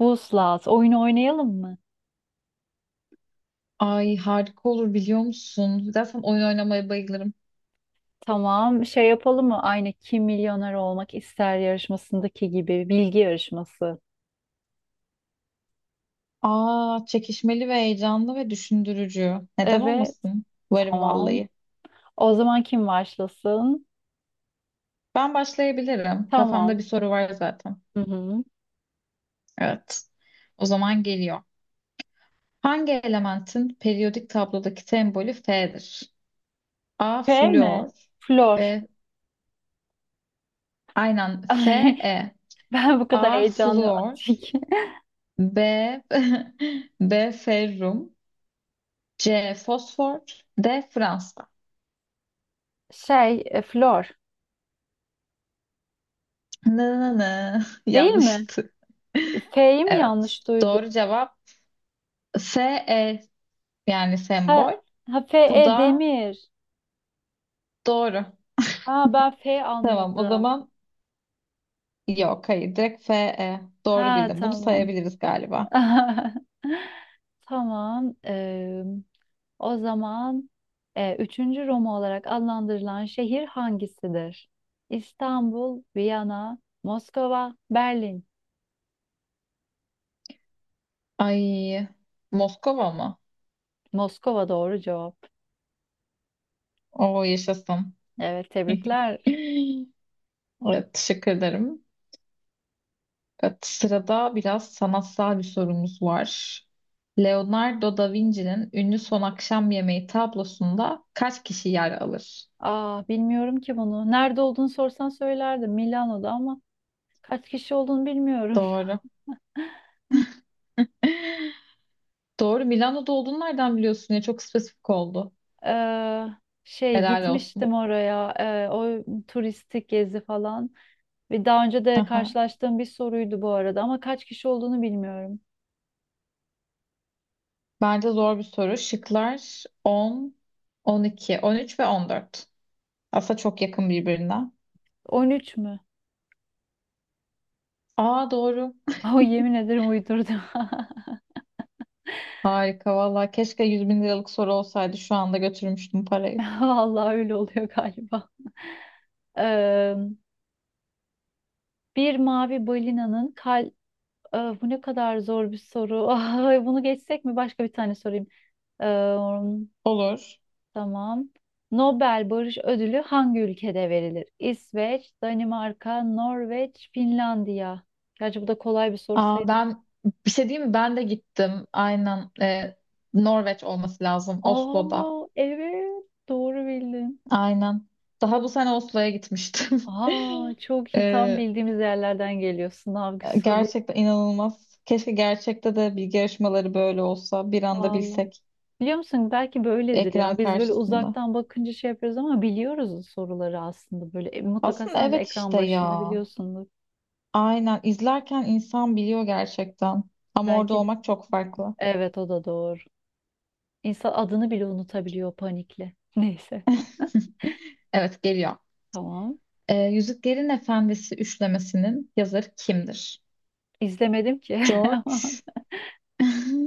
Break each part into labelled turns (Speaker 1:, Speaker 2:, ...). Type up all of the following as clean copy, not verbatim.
Speaker 1: Vuslat, oyunu oynayalım mı?
Speaker 2: Ay harika olur biliyor musun? Zaten oyun oynamaya bayılırım.
Speaker 1: Tamam, şey yapalım mı? Aynı Kim Milyoner Olmak İster yarışmasındaki gibi bilgi yarışması.
Speaker 2: Aa çekişmeli ve heyecanlı ve düşündürücü. Neden
Speaker 1: Evet,
Speaker 2: olmasın? Varım
Speaker 1: tamam.
Speaker 2: vallahi.
Speaker 1: O zaman kim başlasın?
Speaker 2: Ben başlayabilirim.
Speaker 1: Tamam.
Speaker 2: Kafamda bir soru var zaten.
Speaker 1: Hı hı.
Speaker 2: Evet. O zaman geliyor. Hangi elementin periyodik tablodaki sembolü Fe'dir? A.
Speaker 1: Şey mi?
Speaker 2: Flüor
Speaker 1: Flor.
Speaker 2: B. Aynen Fe
Speaker 1: Ay,
Speaker 2: E.
Speaker 1: ben bu kadar
Speaker 2: A.
Speaker 1: heyecanlıyım
Speaker 2: Flüor
Speaker 1: artık.
Speaker 2: B. B. Ferrum C. Fosfor D. Fransız
Speaker 1: Şey, Flor.
Speaker 2: Na na na.
Speaker 1: Değil mi?
Speaker 2: Yanlıştı.
Speaker 1: F'yi mi
Speaker 2: Evet.
Speaker 1: yanlış duydum?
Speaker 2: Doğru cevap S E yani
Speaker 1: Ha,
Speaker 2: sembol.
Speaker 1: ha F,
Speaker 2: Bu
Speaker 1: E,
Speaker 2: da
Speaker 1: Demir.
Speaker 2: doğru.
Speaker 1: Ha, ben F
Speaker 2: Tamam o
Speaker 1: anladım.
Speaker 2: zaman yok hayır direkt F E doğru
Speaker 1: Ha,
Speaker 2: bildim. Bunu
Speaker 1: tamam.
Speaker 2: sayabiliriz galiba.
Speaker 1: Tamam. O zaman üçüncü Roma olarak adlandırılan şehir hangisidir? İstanbul, Viyana, Moskova, Berlin.
Speaker 2: Ay Moskova mı?
Speaker 1: Moskova doğru cevap.
Speaker 2: Oo yaşasın.
Speaker 1: Evet tebrikler.
Speaker 2: Evet teşekkür ederim. Evet, sırada biraz sanatsal bir sorumuz var. Leonardo da Vinci'nin ünlü Son Akşam Yemeği tablosunda kaç kişi yer alır?
Speaker 1: Aa bilmiyorum ki bunu. Nerede olduğunu sorsan söylerdim Milano'da ama kaç kişi olduğunu bilmiyorum.
Speaker 2: Doğru. Doğru. Milano'da olduğunu nereden biliyorsun ya? Çok spesifik oldu.
Speaker 1: Ee, şey
Speaker 2: Helal olsun.
Speaker 1: gitmiştim oraya o turistik gezi falan ve daha önce de
Speaker 2: Aha.
Speaker 1: karşılaştığım bir soruydu bu arada ama kaç kişi olduğunu bilmiyorum.
Speaker 2: Bence zor bir soru. Şıklar 10, 12, 13 ve 14. Aslında çok yakın birbirine.
Speaker 1: 13 mü?
Speaker 2: Aa doğru.
Speaker 1: O yemin ederim uydurdum.
Speaker 2: Harika valla. Keşke 100 bin liralık soru olsaydı. Şu anda götürmüştüm parayı.
Speaker 1: Vallahi öyle oluyor galiba. Ee, bir mavi balinanın kal Bu ne kadar zor bir soru. Ay, bunu geçsek mi? Başka bir tane sorayım.
Speaker 2: Olur.
Speaker 1: Tamam. Nobel Barış Ödülü hangi ülkede verilir? İsveç, Danimarka, Norveç, Finlandiya. Gerçi bu da kolay bir soru
Speaker 2: Aa,
Speaker 1: sayılır.
Speaker 2: ben bir şey diyeyim mi? Ben de gittim. Aynen. Norveç olması lazım. Oslo'da.
Speaker 1: Aa evet doğru bildin.
Speaker 2: Aynen. Daha bu sene Oslo'ya gitmiştim.
Speaker 1: Aa çok iyi tam
Speaker 2: Ee,
Speaker 1: bildiğimiz yerlerden geliyor sınav soruları.
Speaker 2: Gerçekten inanılmaz. Keşke gerçekte de bilgi yarışmaları böyle olsa. Bir anda
Speaker 1: Vallahi.
Speaker 2: bilsek
Speaker 1: Biliyor musun belki böyledir
Speaker 2: ekran
Speaker 1: ya. Biz böyle
Speaker 2: karşısında.
Speaker 1: uzaktan bakınca şey yapıyoruz ama biliyoruz soruları aslında böyle. Mutlaka
Speaker 2: Aslında
Speaker 1: sen de
Speaker 2: evet
Speaker 1: ekran
Speaker 2: işte
Speaker 1: başında
Speaker 2: ya.
Speaker 1: biliyorsundur.
Speaker 2: Aynen. İzlerken insan biliyor gerçekten. Ama orada
Speaker 1: Belki de.
Speaker 2: olmak çok farklı.
Speaker 1: Evet o da doğru. İnsan adını bile unutabiliyor panikle. Neyse.
Speaker 2: Evet geliyor.
Speaker 1: Tamam.
Speaker 2: Yüzüklerin Efendisi üçlemesinin yazarı kimdir?
Speaker 1: İzlemedim ki. Ama
Speaker 2: George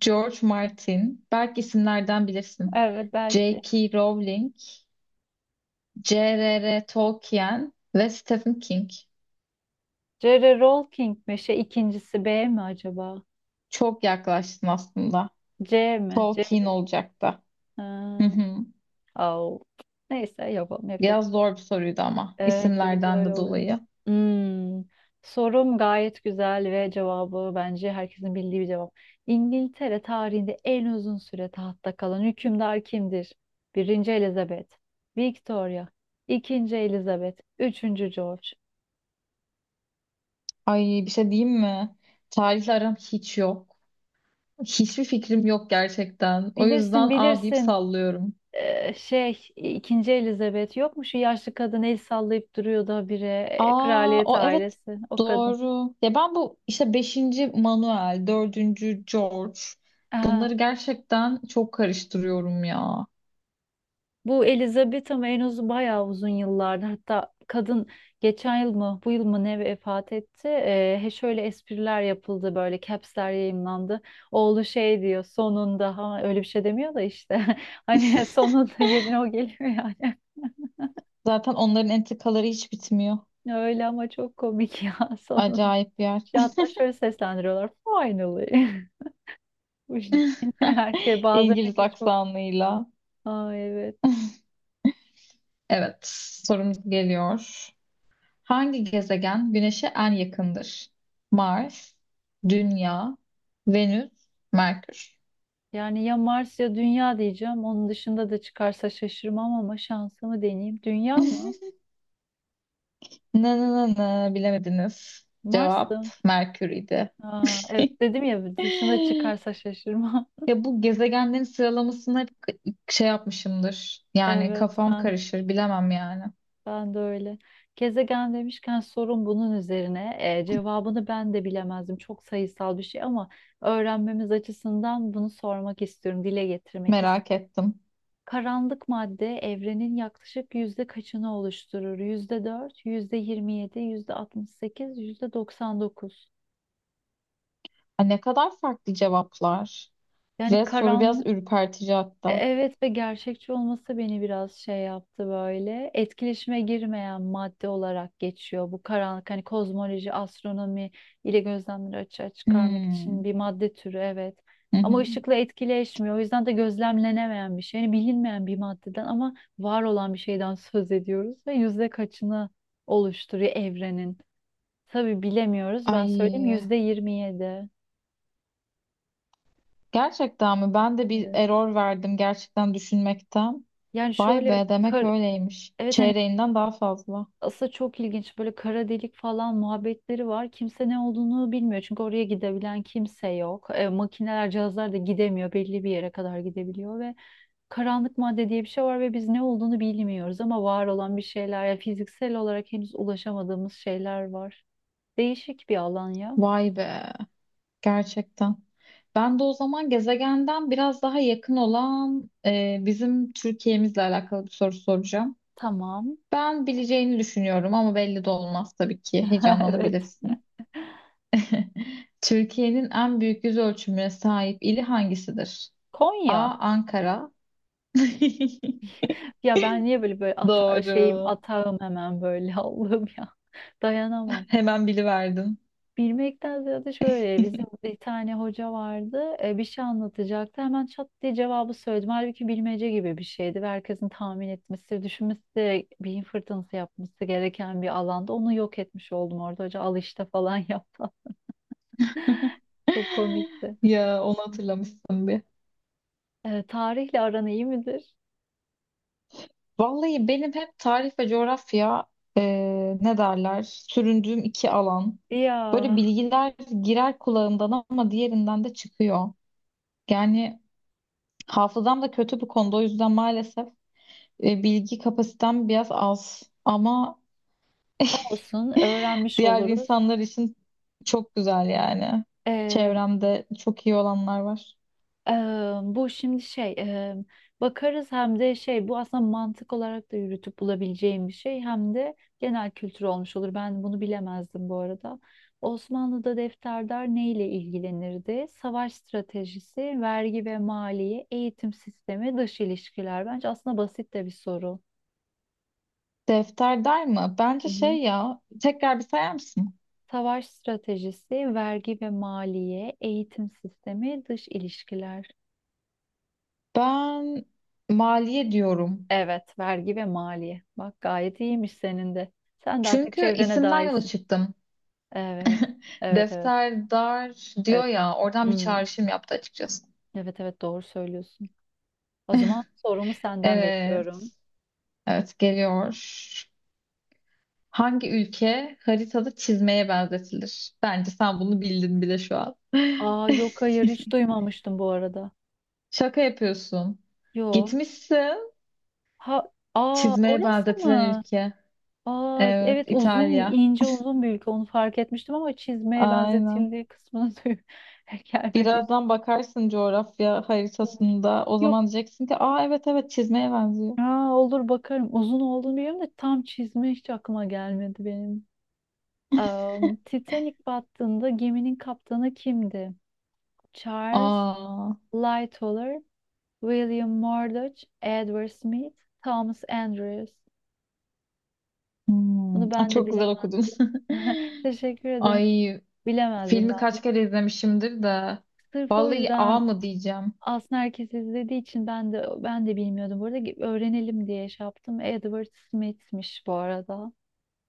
Speaker 2: George Martin. Belki isimlerden bilirsin.
Speaker 1: evet, belki.
Speaker 2: J.K. Rowling, J.R.R. Tolkien ve Stephen King.
Speaker 1: J.R. Rowling mi? Şey ikincisi B mi acaba?
Speaker 2: Çok yaklaştın aslında.
Speaker 1: C mi?
Speaker 2: Tolkien olacaktı. Hı
Speaker 1: Ha,
Speaker 2: hı.
Speaker 1: au. Neyse yapalım. Yapacak bir
Speaker 2: Biraz
Speaker 1: şey yok.
Speaker 2: zor bir soruydu ama
Speaker 1: Evet biraz
Speaker 2: isimlerden
Speaker 1: öyle
Speaker 2: de
Speaker 1: oluyor.
Speaker 2: dolayı.
Speaker 1: Hmm. Sorum gayet güzel ve cevabı bence herkesin bildiği bir cevap. İngiltere tarihinde en uzun süre tahtta kalan hükümdar kimdir? Birinci Elizabeth, Victoria, ikinci Elizabeth, üçüncü George.
Speaker 2: Ay bir şey diyeyim mi? Tarihle aram hiç yok. Hiçbir fikrim yok gerçekten. O yüzden
Speaker 1: Bilirsin,
Speaker 2: A deyip
Speaker 1: bilirsin.
Speaker 2: sallıyorum.
Speaker 1: Şey ikinci Elizabeth yok mu, şu yaşlı kadın el sallayıp duruyordu habire,
Speaker 2: Aa,
Speaker 1: kraliyet
Speaker 2: o evet
Speaker 1: ailesi o kadın.
Speaker 2: doğru. Ya ben bu işte beşinci Manuel, dördüncü George
Speaker 1: Aha,
Speaker 2: bunları gerçekten çok karıştırıyorum ya.
Speaker 1: bu Elizabeth ama en uzun bayağı uzun yıllardır, hatta kadın geçen yıl mı bu yıl mı ne vefat etti. He şöyle espriler yapıldı, böyle capsler yayınlandı. Oğlu şey diyor sonunda ha, öyle bir şey demiyor da işte hani sonunda yerine o geliyor yani.
Speaker 2: Zaten onların entrikaları hiç bitmiyor.
Speaker 1: Öyle ama çok komik ya sonunda.
Speaker 2: Acayip bir yer.
Speaker 1: Hatta şöyle seslendiriyorlar finally. Bu şekilde herkes bazıları
Speaker 2: İngiliz
Speaker 1: ki çok.
Speaker 2: aksanıyla.
Speaker 1: Aa, evet.
Speaker 2: Evet, sorumuz geliyor. Hangi gezegen Güneş'e en yakındır? Mars, Dünya, Venüs, Merkür.
Speaker 1: Yani ya Mars ya Dünya diyeceğim. Onun dışında da çıkarsa şaşırmam ama şansımı deneyeyim. Dünya mı?
Speaker 2: Na na na na bilemediniz. Cevap
Speaker 1: Mars'tı.
Speaker 2: Merkür idi.
Speaker 1: Aa, evet dedim ya dışında çıkarsa şaşırmam.
Speaker 2: Ya bu gezegenlerin sıralamasını hep şey yapmışımdır. Yani
Speaker 1: Evet,
Speaker 2: kafam
Speaker 1: ben
Speaker 2: karışır bilemem yani.
Speaker 1: ben de öyle. Gezegen demişken sorun bunun üzerine. Cevabını ben de bilemezdim. Çok sayısal bir şey ama öğrenmemiz açısından bunu sormak istiyorum, dile getirmek
Speaker 2: Merak
Speaker 1: istiyorum.
Speaker 2: ettim.
Speaker 1: Karanlık madde evrenin yaklaşık yüzde kaçını oluşturur? %4, %27, %68, %99.
Speaker 2: Ay ne kadar farklı cevaplar.
Speaker 1: Yani
Speaker 2: Ve soru biraz
Speaker 1: karanlık
Speaker 2: ürpertici hatta.
Speaker 1: Evet, ve gerçekçi olması beni biraz şey yaptı böyle. Etkileşime girmeyen madde olarak geçiyor. Bu karanlık hani kozmoloji, astronomi ile gözlemleri açığa çıkarmak için
Speaker 2: Hmm.
Speaker 1: bir madde türü evet.
Speaker 2: Hı
Speaker 1: Ama
Speaker 2: hı.
Speaker 1: ışıkla etkileşmiyor. O yüzden de gözlemlenemeyen bir şey. Yani bilinmeyen bir maddeden ama var olan bir şeyden söz ediyoruz ve yüzde kaçını oluşturuyor evrenin. Tabii bilemiyoruz. Ben söyleyeyim
Speaker 2: Ay
Speaker 1: %27.
Speaker 2: gerçekten mi? Ben de bir
Speaker 1: Evet.
Speaker 2: error verdim gerçekten düşünmekten.
Speaker 1: Yani
Speaker 2: Vay
Speaker 1: şöyle
Speaker 2: be demek
Speaker 1: kar-
Speaker 2: öyleymiş.
Speaker 1: evet, hani
Speaker 2: Çeyreğinden daha fazla.
Speaker 1: aslında çok ilginç böyle kara delik falan muhabbetleri var. Kimse ne olduğunu bilmiyor çünkü oraya gidebilen kimse yok. Makineler, cihazlar da gidemiyor. Belli bir yere kadar gidebiliyor ve karanlık madde diye bir şey var ve biz ne olduğunu bilmiyoruz ama var olan bir şeyler, ya fiziksel olarak henüz ulaşamadığımız şeyler var. Değişik bir alan ya.
Speaker 2: Vay be. Gerçekten. Ben de o zaman gezegenden biraz daha yakın olan bizim Türkiye'mizle alakalı bir soru soracağım.
Speaker 1: Tamam.
Speaker 2: Ben bileceğini düşünüyorum ama belli de olmaz tabii ki.
Speaker 1: Evet.
Speaker 2: Heyecanlanabilirsin. Türkiye'nin en büyük yüz ölçümüne sahip ili hangisidir? A.
Speaker 1: Konya.
Speaker 2: Ankara.
Speaker 1: Ya ben niye böyle böyle ata şeyim
Speaker 2: Doğru.
Speaker 1: atağım hemen böyle Allah'ım ya. Dayanamam.
Speaker 2: Hemen biliverdin.
Speaker 1: Bilmekten ziyade şöyle bizim bir tane hoca vardı, bir şey anlatacaktı, hemen çat diye cevabı söyledim. Halbuki bilmece gibi bir şeydi ve herkesin tahmin etmesi, düşünmesi, beyin fırtınası yapması gereken bir alanda onu yok etmiş oldum, orada hoca al işte falan yaptı. Çok komikti.
Speaker 2: Ya onu hatırlamışsın bir.
Speaker 1: Tarihle aran iyi midir?
Speaker 2: Vallahi benim hep tarih ve coğrafya e, ne derler süründüğüm iki alan. Böyle
Speaker 1: Ya
Speaker 2: bilgiler girer kulağımdan ama diğerinden de çıkıyor. Yani hafızam da kötü bu konuda o yüzden maalesef bilgi kapasitem biraz az. Ama
Speaker 1: olsun öğrenmiş
Speaker 2: diğer
Speaker 1: oluruz.
Speaker 2: insanlar için çok güzel yani.
Speaker 1: E,
Speaker 2: Çevremde çok iyi olanlar var.
Speaker 1: Eee, bu şimdi şey, bakarız, hem de şey bu aslında mantık olarak da yürütüp bulabileceğim bir şey hem de genel kültür olmuş olur. Ben bunu bilemezdim bu arada. Osmanlı'da defterdar neyle ilgilenirdi? Savaş stratejisi, vergi ve maliye, eğitim sistemi, dış ilişkiler. Bence aslında basit de bir soru.
Speaker 2: Defter der mi?
Speaker 1: Hı
Speaker 2: Bence
Speaker 1: hı.
Speaker 2: şey ya tekrar bir sayar mısın?
Speaker 1: Savaş stratejisi, vergi ve maliye, eğitim sistemi, dış ilişkiler.
Speaker 2: Ben maliye diyorum.
Speaker 1: Evet, vergi ve maliye. Bak gayet iyiymiş senin de. Sen de artık
Speaker 2: Çünkü
Speaker 1: çevrene
Speaker 2: isimden yola
Speaker 1: dahilsin.
Speaker 2: çıktım.
Speaker 1: Evet, evet, evet,
Speaker 2: Defterdar diyor
Speaker 1: evet.
Speaker 2: ya, oradan bir
Speaker 1: Hmm,
Speaker 2: çağrışım yaptı açıkçası.
Speaker 1: evet, evet, doğru söylüyorsun. O zaman sorumu senden
Speaker 2: Evet,
Speaker 1: bekliyorum.
Speaker 2: evet geliyor. Hangi ülke haritada çizmeye benzetilir? Bence sen bunu bildin bile şu an.
Speaker 1: Aa, yok hayır hiç duymamıştım bu arada.
Speaker 2: Şaka yapıyorsun.
Speaker 1: Yok.
Speaker 2: Gitmişsin.
Speaker 1: Ha, aa
Speaker 2: Çizmeye
Speaker 1: orası
Speaker 2: benzetilen
Speaker 1: mı?
Speaker 2: ülke.
Speaker 1: Aa,
Speaker 2: Evet,
Speaker 1: evet uzun,
Speaker 2: İtalya.
Speaker 1: ince uzun bir ülke, onu fark etmiştim ama çizmeye
Speaker 2: Aynen.
Speaker 1: benzetildiği kısmına gelmemiş.
Speaker 2: Birazdan bakarsın coğrafya haritasında. O
Speaker 1: Yok.
Speaker 2: zaman diyeceksin ki, aa evet evet çizmeye benziyor.
Speaker 1: Aa, olur bakarım. Uzun olduğunu biliyorum da tam çizme hiç aklıma gelmedi benim. Titanic battığında geminin kaptanı kimdi? Charles
Speaker 2: Aa.
Speaker 1: Lightoller, William Murdoch, Edward Smith, Thomas Andrews.
Speaker 2: Hmm.
Speaker 1: Bunu
Speaker 2: Aa,
Speaker 1: ben de
Speaker 2: çok güzel
Speaker 1: bilemem.
Speaker 2: okudun.
Speaker 1: Teşekkür ederim.
Speaker 2: Ay
Speaker 1: Bilemezdim
Speaker 2: filmi
Speaker 1: ben
Speaker 2: kaç
Speaker 1: de.
Speaker 2: kere izlemişimdir de.
Speaker 1: Sırf o
Speaker 2: Vallahi A
Speaker 1: yüzden
Speaker 2: mı diyeceğim.
Speaker 1: aslında herkes izlediği için ben de bilmiyordum. Burada öğrenelim diye şey yaptım. Edward Smith'miş bu arada.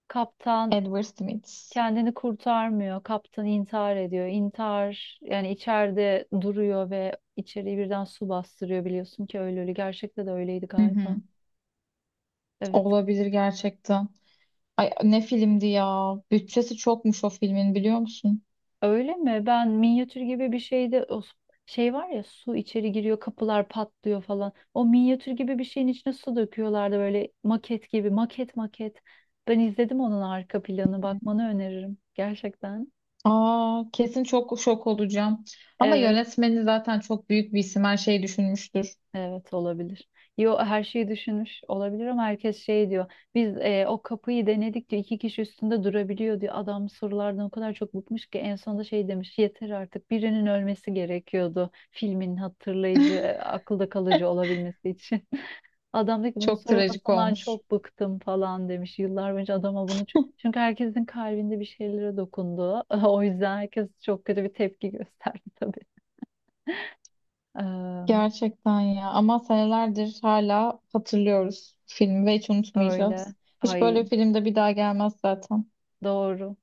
Speaker 1: Kaptan
Speaker 2: Edward Smith.
Speaker 1: kendini kurtarmıyor. Kaptan intihar ediyor. İntihar yani içeride duruyor ve içeriği birden su bastırıyor biliyorsun ki öyle öyle. Gerçekte de öyleydi
Speaker 2: Hı hı.
Speaker 1: galiba. Evet.
Speaker 2: Olabilir gerçekten. Ay ne filmdi ya. Bütçesi çokmuş o filmin biliyor musun?
Speaker 1: Öyle mi? Ben minyatür gibi bir şeyde o şey var ya, su içeri giriyor, kapılar patlıyor falan. O minyatür gibi bir şeyin içine su döküyorlardı böyle maket gibi, maket maket. Ben izledim, onun arka planı bakmanı öneririm gerçekten.
Speaker 2: Aa kesin çok şok olacağım. Ama
Speaker 1: Evet.
Speaker 2: yönetmeni zaten çok büyük bir isim her şeyi düşünmüştür.
Speaker 1: Evet olabilir. Yo her şeyi düşünmüş olabilir ama herkes şey diyor. Biz o kapıyı denedik diyor. İki kişi üstünde durabiliyor diyor. Adam sorulardan o kadar çok bıkmış ki en sonunda şey demiş. Yeter artık, birinin ölmesi gerekiyordu. Filmin hatırlayıcı, akılda kalıcı olabilmesi için. Adam diyor ki bunun
Speaker 2: Çok trajik
Speaker 1: sorulmasından
Speaker 2: olmuş.
Speaker 1: çok bıktım falan demiş. Yıllar boyunca adama bunu çok... Çünkü herkesin kalbinde bir şeylere dokundu. O yüzden herkes çok kötü bir tepki gösterdi tabii. Eee,
Speaker 2: Gerçekten ya ama senelerdir hala hatırlıyoruz filmi ve hiç
Speaker 1: öyle.
Speaker 2: unutmayacağız. Hiç böyle
Speaker 1: Ay
Speaker 2: filmde bir daha gelmez zaten.
Speaker 1: doğru.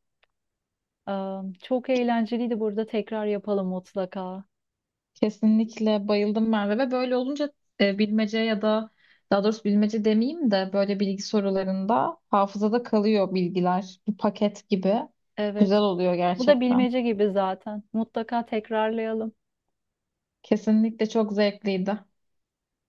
Speaker 1: Çok eğlenceliydi burada. Tekrar yapalım mutlaka.
Speaker 2: Kesinlikle bayıldım Merve ve böyle olunca bilmece ya da daha doğrusu bilmece demeyeyim de böyle bilgi sorularında hafızada kalıyor bilgiler. Bir paket gibi. Güzel
Speaker 1: Evet.
Speaker 2: oluyor
Speaker 1: Bu da
Speaker 2: gerçekten.
Speaker 1: bilmece gibi zaten. Mutlaka tekrarlayalım.
Speaker 2: Kesinlikle çok zevkliydi.